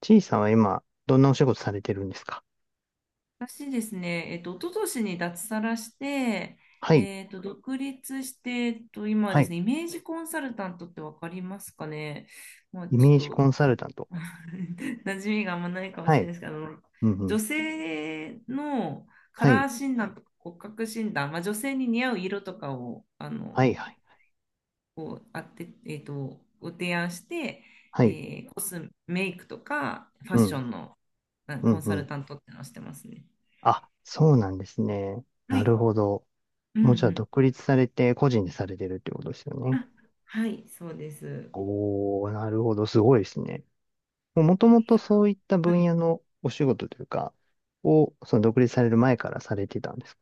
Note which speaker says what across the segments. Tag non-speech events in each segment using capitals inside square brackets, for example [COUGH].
Speaker 1: ちいさんは今、どんなお仕事されてるんですか？
Speaker 2: 私ですね、一昨年に脱サラして、
Speaker 1: はい、
Speaker 2: 独立して、今は
Speaker 1: は
Speaker 2: です
Speaker 1: い。
Speaker 2: ね、イメージコンサルタントってわかりますかね。まあ、
Speaker 1: イ
Speaker 2: ちょっ
Speaker 1: メージコ
Speaker 2: と、
Speaker 1: ンサルタント。
Speaker 2: [LAUGHS] 馴染みがあんまないかも
Speaker 1: は
Speaker 2: しれない
Speaker 1: い、
Speaker 2: ですけど、
Speaker 1: うん、う
Speaker 2: 女
Speaker 1: ん。
Speaker 2: 性のカ
Speaker 1: は
Speaker 2: ラ
Speaker 1: い、
Speaker 2: ー診断とか骨格診断、まあ、女性に似合う色とかを、
Speaker 1: はい、はい、
Speaker 2: こう、あって、ご提案して、
Speaker 1: はい。
Speaker 2: コスメイクとかファッ
Speaker 1: う
Speaker 2: ショ
Speaker 1: ん、
Speaker 2: ンの
Speaker 1: う
Speaker 2: コ
Speaker 1: ん、
Speaker 2: ン
Speaker 1: う
Speaker 2: サル
Speaker 1: ん。
Speaker 2: タントってのをしてますね。
Speaker 1: あ、そうなんですね。
Speaker 2: は
Speaker 1: な
Speaker 2: い。
Speaker 1: るほど。
Speaker 2: うんう
Speaker 1: もうじゃあ、
Speaker 2: ん。
Speaker 1: 独立されて、個人でされてるってことですよね。
Speaker 2: あ、はい、そうです。
Speaker 1: おー、なるほど。すごいですね。もとも
Speaker 2: い
Speaker 1: と
Speaker 2: や、
Speaker 1: そういった
Speaker 2: は
Speaker 1: 分
Speaker 2: い。
Speaker 1: 野のお仕事というか、を、その独立される前からされてたんですか？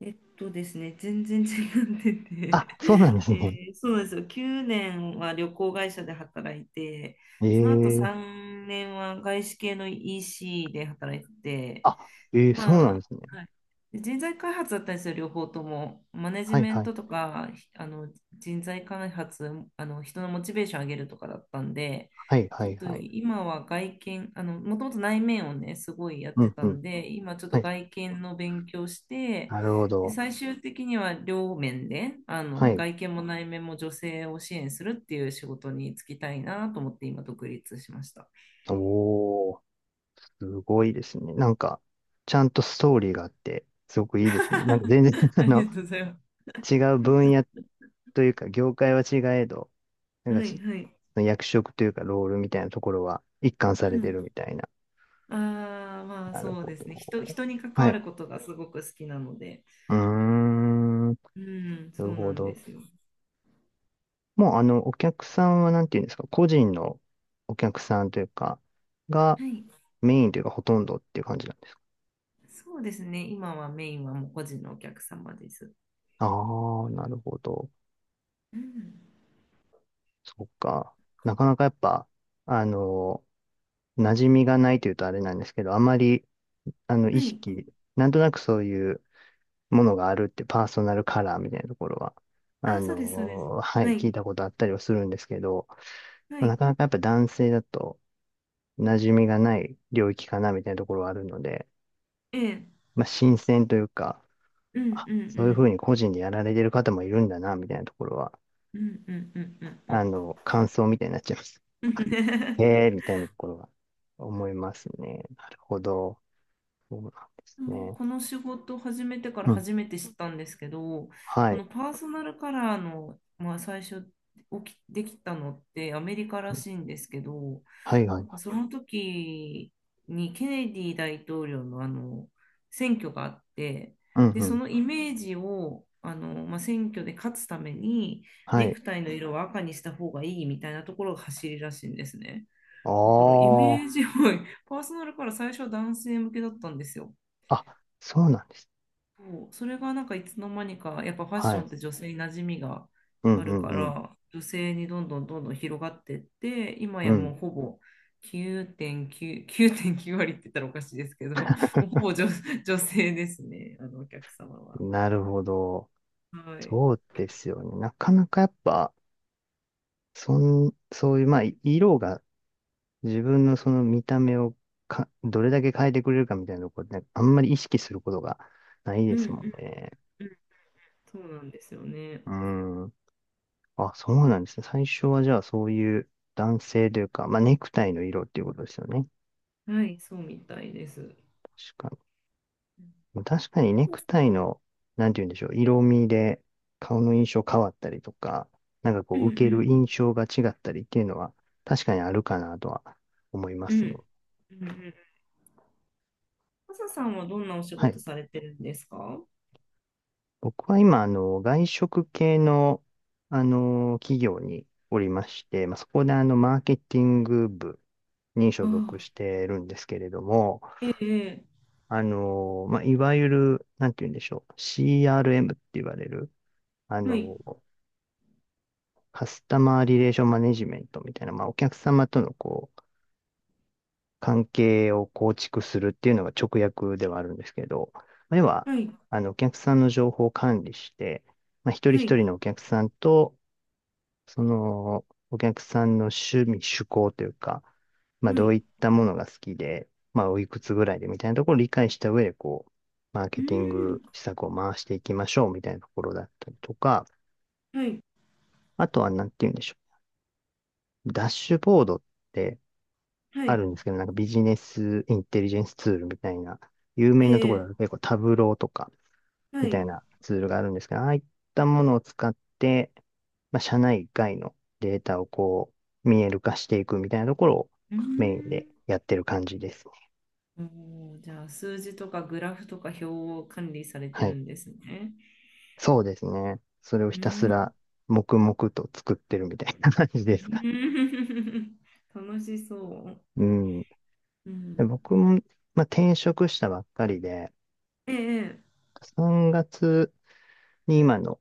Speaker 2: えっとですね、全然違ってて
Speaker 1: あ、そうなんで
Speaker 2: [LAUGHS]
Speaker 1: すね。
Speaker 2: そうなんですよ。9年は旅行会社で働いて、
Speaker 1: え
Speaker 2: その後
Speaker 1: え。
Speaker 2: 3年は外資系の EC で働いて、
Speaker 1: あ、ええ、そう
Speaker 2: ま
Speaker 1: なん
Speaker 2: あ、
Speaker 1: ですね。
Speaker 2: はい、で人材開発だったんですよ、両方とも。マネジ
Speaker 1: はい、
Speaker 2: メ
Speaker 1: は
Speaker 2: ン
Speaker 1: い、
Speaker 2: トとか、ひあの人材開発、人のモチベーション上げるとかだったんで、
Speaker 1: はい、は
Speaker 2: ちょっ
Speaker 1: い、
Speaker 2: と
Speaker 1: はい。
Speaker 2: 今は外見、もともと内面をね、すごいやっ
Speaker 1: う
Speaker 2: て
Speaker 1: んう
Speaker 2: た
Speaker 1: ん。
Speaker 2: んで、今ちょっ
Speaker 1: は
Speaker 2: と
Speaker 1: い。
Speaker 2: 外見の勉強して、
Speaker 1: なるほ
Speaker 2: で、
Speaker 1: ど。
Speaker 2: 最終的には両面で、
Speaker 1: はい。
Speaker 2: 外見も内面も女性を支援するっていう仕事に就きたいなと思って今独立しました。
Speaker 1: おー、すごいですね。なんか、ちゃんとストーリーがあって、すごくいいですね。なんか全然、[LAUGHS]
Speaker 2: [LAUGHS] ありがとうございま
Speaker 1: 違う分野
Speaker 2: す。
Speaker 1: というか、業界は違えど、なんか
Speaker 2: はい、
Speaker 1: し、
Speaker 2: はい。
Speaker 1: 役職というか、ロールみたいなところは一貫さ
Speaker 2: う
Speaker 1: れて
Speaker 2: ん、
Speaker 1: るみたいな。
Speaker 2: ああ、まあ
Speaker 1: なる
Speaker 2: そう
Speaker 1: ほ
Speaker 2: ですね。人、
Speaker 1: ど。
Speaker 2: 人に関
Speaker 1: は
Speaker 2: わ
Speaker 1: い。
Speaker 2: ることがすごく好きなので。
Speaker 1: うーん。な
Speaker 2: うん、そ
Speaker 1: る
Speaker 2: う
Speaker 1: ほ
Speaker 2: なんで
Speaker 1: ど。
Speaker 2: すよ。
Speaker 1: もう、お客さんは、なんていうんですか、個人のお客さんというか、が
Speaker 2: はい。
Speaker 1: メインというか、ほとんどっていう感じなんです。
Speaker 2: そうですね。今はメインはもう個人のお客様です。
Speaker 1: ああ、なるほど。
Speaker 2: うん。
Speaker 1: そっか。なかなかやっぱ、あの、馴染みがないというとあれなんですけど、あまり、意
Speaker 2: はい。
Speaker 1: 識、なんとなくそういうものがあるってパーソナルカラーみたいなところは、
Speaker 2: あ、そうです、そうです。
Speaker 1: は
Speaker 2: は
Speaker 1: い、聞い
Speaker 2: い。
Speaker 1: たことあったりはするんですけど、
Speaker 2: は
Speaker 1: まあな
Speaker 2: い。
Speaker 1: かなかやっぱ男性だと馴染みがない領域かなみたいなところはあるので、
Speaker 2: ええ。
Speaker 1: まあ、新鮮というか、
Speaker 2: うん、
Speaker 1: あ、
Speaker 2: う
Speaker 1: そういうふう
Speaker 2: ん、
Speaker 1: に個人でやられてる方もいるんだな、みたいなところは、
Speaker 2: うん。うん、うん、うん、うん、う
Speaker 1: 感想みたいになっちゃいます。
Speaker 2: ん。
Speaker 1: へえ、
Speaker 2: [LAUGHS]
Speaker 1: みたいなところが思いますね。なるほど。そうなんです
Speaker 2: もう
Speaker 1: ね。
Speaker 2: この仕事を始めてから
Speaker 1: うん。
Speaker 2: 初めて知ったんですけど、
Speaker 1: は
Speaker 2: こ
Speaker 1: い。
Speaker 2: のパーソナルカラーの、まあ、最初起き、できたのってアメリカらしいんですけど、
Speaker 1: はいは
Speaker 2: な
Speaker 1: い。
Speaker 2: んかその時にケネディ大統領の選挙があって、
Speaker 1: うん
Speaker 2: で、
Speaker 1: う
Speaker 2: そ
Speaker 1: ん。
Speaker 2: のイメージを選挙で勝つために
Speaker 1: は
Speaker 2: ネ
Speaker 1: い。
Speaker 2: クタイの色は赤にした方がいいみたいなところが走りらしいんですね。
Speaker 1: あ
Speaker 2: だからイメ
Speaker 1: あ。
Speaker 2: ージを [LAUGHS] パーソナルから最初は男性向けだったんですよ。
Speaker 1: あ、そうなんです。
Speaker 2: そう、それがなんかいつの間にかやっぱファッ
Speaker 1: は
Speaker 2: ショ
Speaker 1: い。
Speaker 2: ンって女性に馴染みが
Speaker 1: うん
Speaker 2: あ
Speaker 1: う
Speaker 2: る
Speaker 1: ん
Speaker 2: か
Speaker 1: うん
Speaker 2: ら女性にどんどんどんどん広がってって、今
Speaker 1: う
Speaker 2: やも
Speaker 1: ん。
Speaker 2: うほぼ9.9割って言ったらおかしいですけども、うほ
Speaker 1: [LAUGHS]
Speaker 2: ぼ女性ですね、あのお客様は。
Speaker 1: なるほど。
Speaker 2: はい。
Speaker 1: そうですよね。なかなかやっぱ、そういう、まあ、色が自分のその見た目をどれだけ変えてくれるかみたいなところで、あんまり意識することがない
Speaker 2: う
Speaker 1: で
Speaker 2: んう
Speaker 1: すもん
Speaker 2: ん
Speaker 1: ね。
Speaker 2: うん。そうなんですよね。
Speaker 1: うん。あ、そうなんですね。最初はじゃあそういう男性というか、まあネクタイの色っていうことですよね。
Speaker 2: はい、そうみたいです。う
Speaker 1: 確か
Speaker 2: ん
Speaker 1: に。確かにネクタイの、なんて言うんでしょう、色味で顔の印象変わったりとか、なんかこ
Speaker 2: う
Speaker 1: う受ける
Speaker 2: ん
Speaker 1: 印象が違ったりっていうのは確かにあるかなとは思いま
Speaker 2: うん
Speaker 1: すね。
Speaker 2: うんうんうん。マサさんはどんなお仕
Speaker 1: は
Speaker 2: 事
Speaker 1: い。
Speaker 2: されてるんですか？
Speaker 1: 僕は今、外食系の、企業におりまして、まあ、そこでマーケティング部に所
Speaker 2: あ
Speaker 1: 属
Speaker 2: あ、
Speaker 1: してるんですけれども、
Speaker 2: ええ、ええ、
Speaker 1: まあ、いわゆる、なんて言うんでしょう。CRM って言われる、あ
Speaker 2: はい、
Speaker 1: の、カスタマーリレーションマネジメントみたいな、まあ、お客様とのこう、関係を構築するっていうのが直訳ではあるんですけど、まあ要は、
Speaker 2: はい、
Speaker 1: お客さんの情報を管理して、まあ、一人
Speaker 2: は
Speaker 1: 一
Speaker 2: い、
Speaker 1: 人のお客さんと、その、お客さんの趣味、趣向というか、まあ、
Speaker 2: は
Speaker 1: どうい
Speaker 2: い。
Speaker 1: ったものが好きで、まあ、おいくつぐらいでみたいなところを理解した上で、こう、マー
Speaker 2: う
Speaker 1: ケ
Speaker 2: ーん、
Speaker 1: ティング施策を回していきましょうみたいなところだったりとか、
Speaker 2: はい、
Speaker 1: あとはなんて言うんでしょう。ダッシュボードって
Speaker 2: は
Speaker 1: あ
Speaker 2: い、
Speaker 1: るんですけど、なんかビジネスインテリジェンスツールみたいな、有
Speaker 2: え
Speaker 1: 名なところだ
Speaker 2: え、
Speaker 1: と結構タブローとか、
Speaker 2: は
Speaker 1: み
Speaker 2: い。
Speaker 1: た
Speaker 2: う
Speaker 1: いなツールがあるんですが、ああいったものを使って、まあ、社内外のデータをこう、見える化していくみたいなところを
Speaker 2: ーん、
Speaker 1: メインでやってる感じですね。
Speaker 2: おー、じゃあ数字とかグラフとか表を管理されて
Speaker 1: は
Speaker 2: る
Speaker 1: い。
Speaker 2: んですね。
Speaker 1: そうですね。それを
Speaker 2: う
Speaker 1: ひた
Speaker 2: ー
Speaker 1: す
Speaker 2: ん、
Speaker 1: ら黙々と作ってるみたいな感じですか。
Speaker 2: [LAUGHS] 楽しそう。
Speaker 1: うん。
Speaker 2: う
Speaker 1: で
Speaker 2: ん、
Speaker 1: 僕も、まあ、転職したばっかりで、
Speaker 2: ええ、
Speaker 1: 3月に今の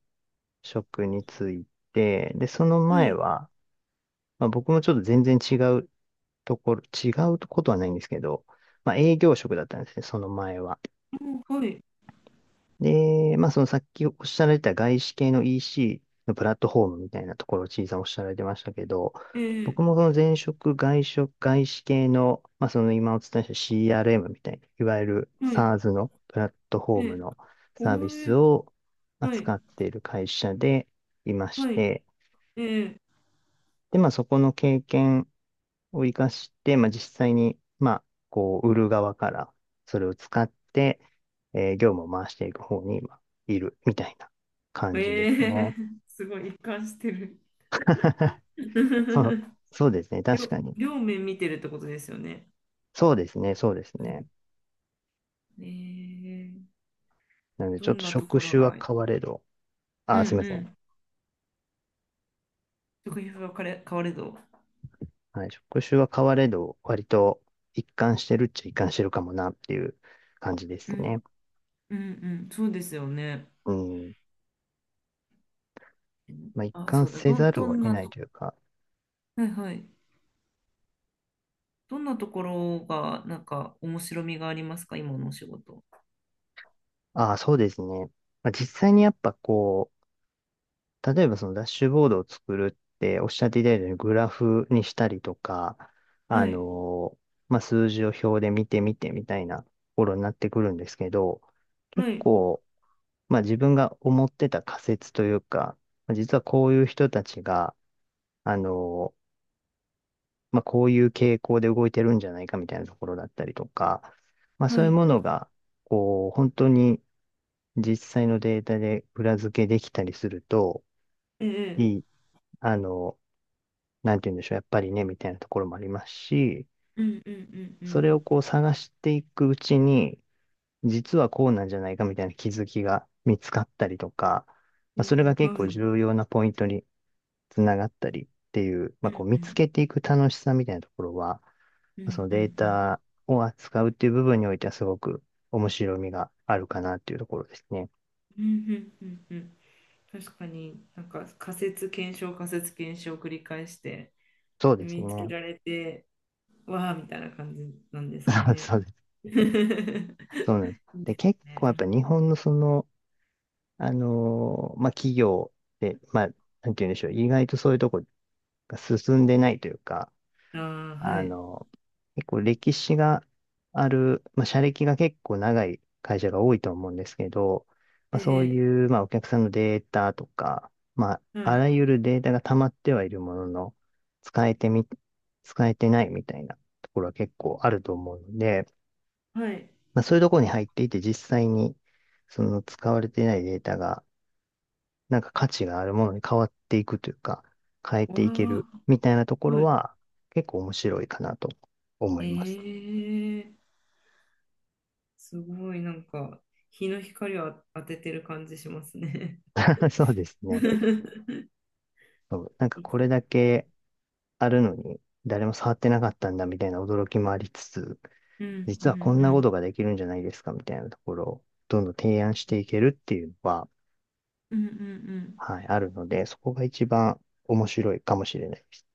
Speaker 1: 職に就いて、で、その
Speaker 2: は
Speaker 1: 前
Speaker 2: い、
Speaker 1: は、まあ、僕もちょっと全然違うところ、違うことはないんですけど、まあ営業職だったんですね、その前は。
Speaker 2: おはい、
Speaker 1: で、まあそのさっきおっしゃられた外資系の EC のプラットフォームみたいなところをちいさんおっしゃられてましたけど、
Speaker 2: ええ、
Speaker 1: 僕もその前職、外職、外資系の、まあその今お伝えした CRM みたいな、いわゆる
Speaker 2: はい、
Speaker 1: SaaS のプラットフォ
Speaker 2: え
Speaker 1: ーム
Speaker 2: え、
Speaker 1: のサー
Speaker 2: お
Speaker 1: ビス
Speaker 2: え、
Speaker 1: を
Speaker 2: はい、
Speaker 1: 扱っている会社でいまし
Speaker 2: はい、
Speaker 1: て、
Speaker 2: ええ、
Speaker 1: で、まあそこの経験を活かして、まあ、実際に、まあ、こう、売る側からそれを使って、業務を回していく方に、まあ、いるみたいな感じで
Speaker 2: え
Speaker 1: すね。
Speaker 2: え、すごい一貫してる。
Speaker 1: [LAUGHS] そう、そうですね。
Speaker 2: [LAUGHS]
Speaker 1: 確かに。
Speaker 2: 両面見てるってことですよね。
Speaker 1: そうですね。そうです
Speaker 2: う
Speaker 1: ね。
Speaker 2: ん、ええ、
Speaker 1: なので、
Speaker 2: ど
Speaker 1: ちょっ
Speaker 2: ん
Speaker 1: と
Speaker 2: なと
Speaker 1: 職
Speaker 2: ころ
Speaker 1: 種
Speaker 2: が、
Speaker 1: は
Speaker 2: うん
Speaker 1: 変われど、
Speaker 2: う
Speaker 1: あ、すいません。
Speaker 2: ん、食費は変われど、
Speaker 1: はい。職種は変われど、割と一貫してるっちゃ一貫してるかもなっていう感じで
Speaker 2: う
Speaker 1: す
Speaker 2: ん、
Speaker 1: ね。
Speaker 2: うんうん、そうですよね。
Speaker 1: うん。まあ、一
Speaker 2: あ、
Speaker 1: 貫
Speaker 2: そうだ、
Speaker 1: せ
Speaker 2: ど
Speaker 1: ざ
Speaker 2: ん、ど
Speaker 1: るを
Speaker 2: ん
Speaker 1: 得
Speaker 2: な
Speaker 1: ない
Speaker 2: と、
Speaker 1: というか、
Speaker 2: はいはい。どんなところが、なんか、面白みがありますか、今のお仕事？
Speaker 1: ああ、そうですね。まあ、実際にやっぱこう、例えばそのダッシュボードを作るっておっしゃっていただいたようにグラフにしたりとか、あ
Speaker 2: はい、
Speaker 1: のまあ、数字を表で見てみてみたいなところになってくるんですけど、結
Speaker 2: はい、
Speaker 1: 構、まあ、自分が思ってた仮説というか、まあ実はこういう人たちが、あのまあ、こういう傾向で動いてるんじゃないかみたいなところだったりとか、まあ、そ
Speaker 2: は
Speaker 1: ういう
Speaker 2: い、
Speaker 1: ものが、こう、本当に実際のデータで裏付けできたりすると、
Speaker 2: ええ、
Speaker 1: いい。あのなんて言うんでしょう、やっぱりね、みたいなところもありますし、
Speaker 2: うんうんうんう
Speaker 1: それ
Speaker 2: ん、
Speaker 1: をこう探していくうちに、実はこうなんじゃないかみたいな気づきが見つかったりとか、ま
Speaker 2: え
Speaker 1: あ、それが
Speaker 2: え、
Speaker 1: 結
Speaker 2: はい、
Speaker 1: 構
Speaker 2: うん
Speaker 1: 重要なポイントにつながったりっていう、
Speaker 2: う
Speaker 1: まあ、こう見つ
Speaker 2: ん
Speaker 1: けていく楽しさみたいなところは、
Speaker 2: う
Speaker 1: そ
Speaker 2: ん
Speaker 1: の
Speaker 2: う
Speaker 1: デー
Speaker 2: んうん、
Speaker 1: タを扱うっていう部分においてはすごく面白みがあるかなっていうところですね。
Speaker 2: うんうんうんうん。確かに、なんか仮説検証仮説検証を繰り返して、
Speaker 1: そう
Speaker 2: で
Speaker 1: です
Speaker 2: 見つけ
Speaker 1: ね。
Speaker 2: られて、わあみたいな感じなんですか
Speaker 1: [LAUGHS]
Speaker 2: ね。
Speaker 1: そうです。
Speaker 2: [LAUGHS] いいで
Speaker 1: そうなんです。で、結構やっぱ日本のそのまあ、企業で、まあ、なんて言うんでしょう、意外とそういうとこが進んでないというか、
Speaker 2: す。ああ、は
Speaker 1: あ
Speaker 2: い。
Speaker 1: のー結構歴史がある、まあ、社歴が結構長い会社が多いと思うんですけど、まあ、
Speaker 2: え
Speaker 1: そう
Speaker 2: え、
Speaker 1: いう、まあ、お客さんのデータとか、まあ、
Speaker 2: は
Speaker 1: あ
Speaker 2: い、
Speaker 1: らゆるデータが溜まってはいるものの、使えてみ、使えてないみたいなところは結構あると思うので、
Speaker 2: はい。
Speaker 1: まあ、そういうところに入っていて実際に、その使われてないデータが、なんか価値があるものに変わっていくというか、変え
Speaker 2: わ
Speaker 1: ていける
Speaker 2: あ、
Speaker 1: みたいなとこ
Speaker 2: は
Speaker 1: ろ
Speaker 2: い。
Speaker 1: は結構面白いかなと思
Speaker 2: え
Speaker 1: います。
Speaker 2: え、すごい、なんか、日の光を当ててる感じしますね。
Speaker 1: [LAUGHS] そうです
Speaker 2: [LAUGHS] う
Speaker 1: ね。
Speaker 2: ん
Speaker 1: そうなんかこれだけあるのに誰も触ってなかったんだみたいな驚きもありつつ、
Speaker 2: うんう
Speaker 1: 実はこんなこと
Speaker 2: ん
Speaker 1: ができるんじゃないですかみたいなところをどんどん提案していけるっていうのは、
Speaker 2: うんうん
Speaker 1: はい、あるので、そこが一番面白いかもしれないです。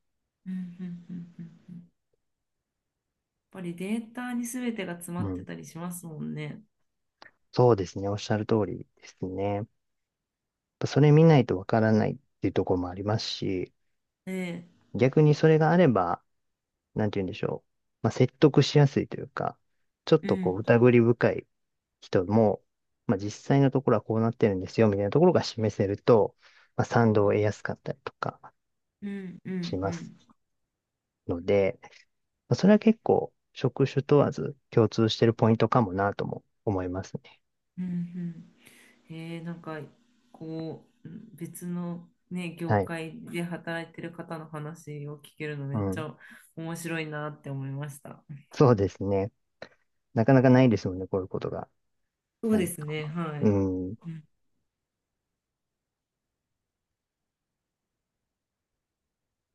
Speaker 2: うんうんうんうんうんうん、やっぱりデータに全てが詰ま
Speaker 1: う
Speaker 2: って
Speaker 1: ん。
Speaker 2: たりしますもんね。
Speaker 1: そうですね。おっしゃる通りですね。やっぱそれ見ないとわからないっていうところもありますし、
Speaker 2: ええ、
Speaker 1: 逆にそれがあれば、なんて言うんでしょう。まあ、説得しやすいというか、ちょっ
Speaker 2: う
Speaker 1: とこう、
Speaker 2: ん
Speaker 1: 疑り深い人も、まあ、実際のところはこうなってるんですよ、みたいなところが示せると、まあ、
Speaker 2: う
Speaker 1: 賛同を
Speaker 2: ん
Speaker 1: 得やすかったりとか
Speaker 2: うんうんう
Speaker 1: します
Speaker 2: ん
Speaker 1: ので、まあ、それは結構、職種問わず共通してるポイントかもなとも思いますね。
Speaker 2: うんうん、へえ、なんか、こう、うん、別のね、業
Speaker 1: はい。
Speaker 2: 界で働いてる方の話を聞けるの
Speaker 1: う
Speaker 2: めっち
Speaker 1: ん。
Speaker 2: ゃ面白いなって思いました。
Speaker 1: そうですね。なかなかないですもんね、こういうことが
Speaker 2: そう
Speaker 1: な
Speaker 2: で
Speaker 1: い
Speaker 2: す
Speaker 1: と。
Speaker 2: ね、は
Speaker 1: う
Speaker 2: い。
Speaker 1: ん。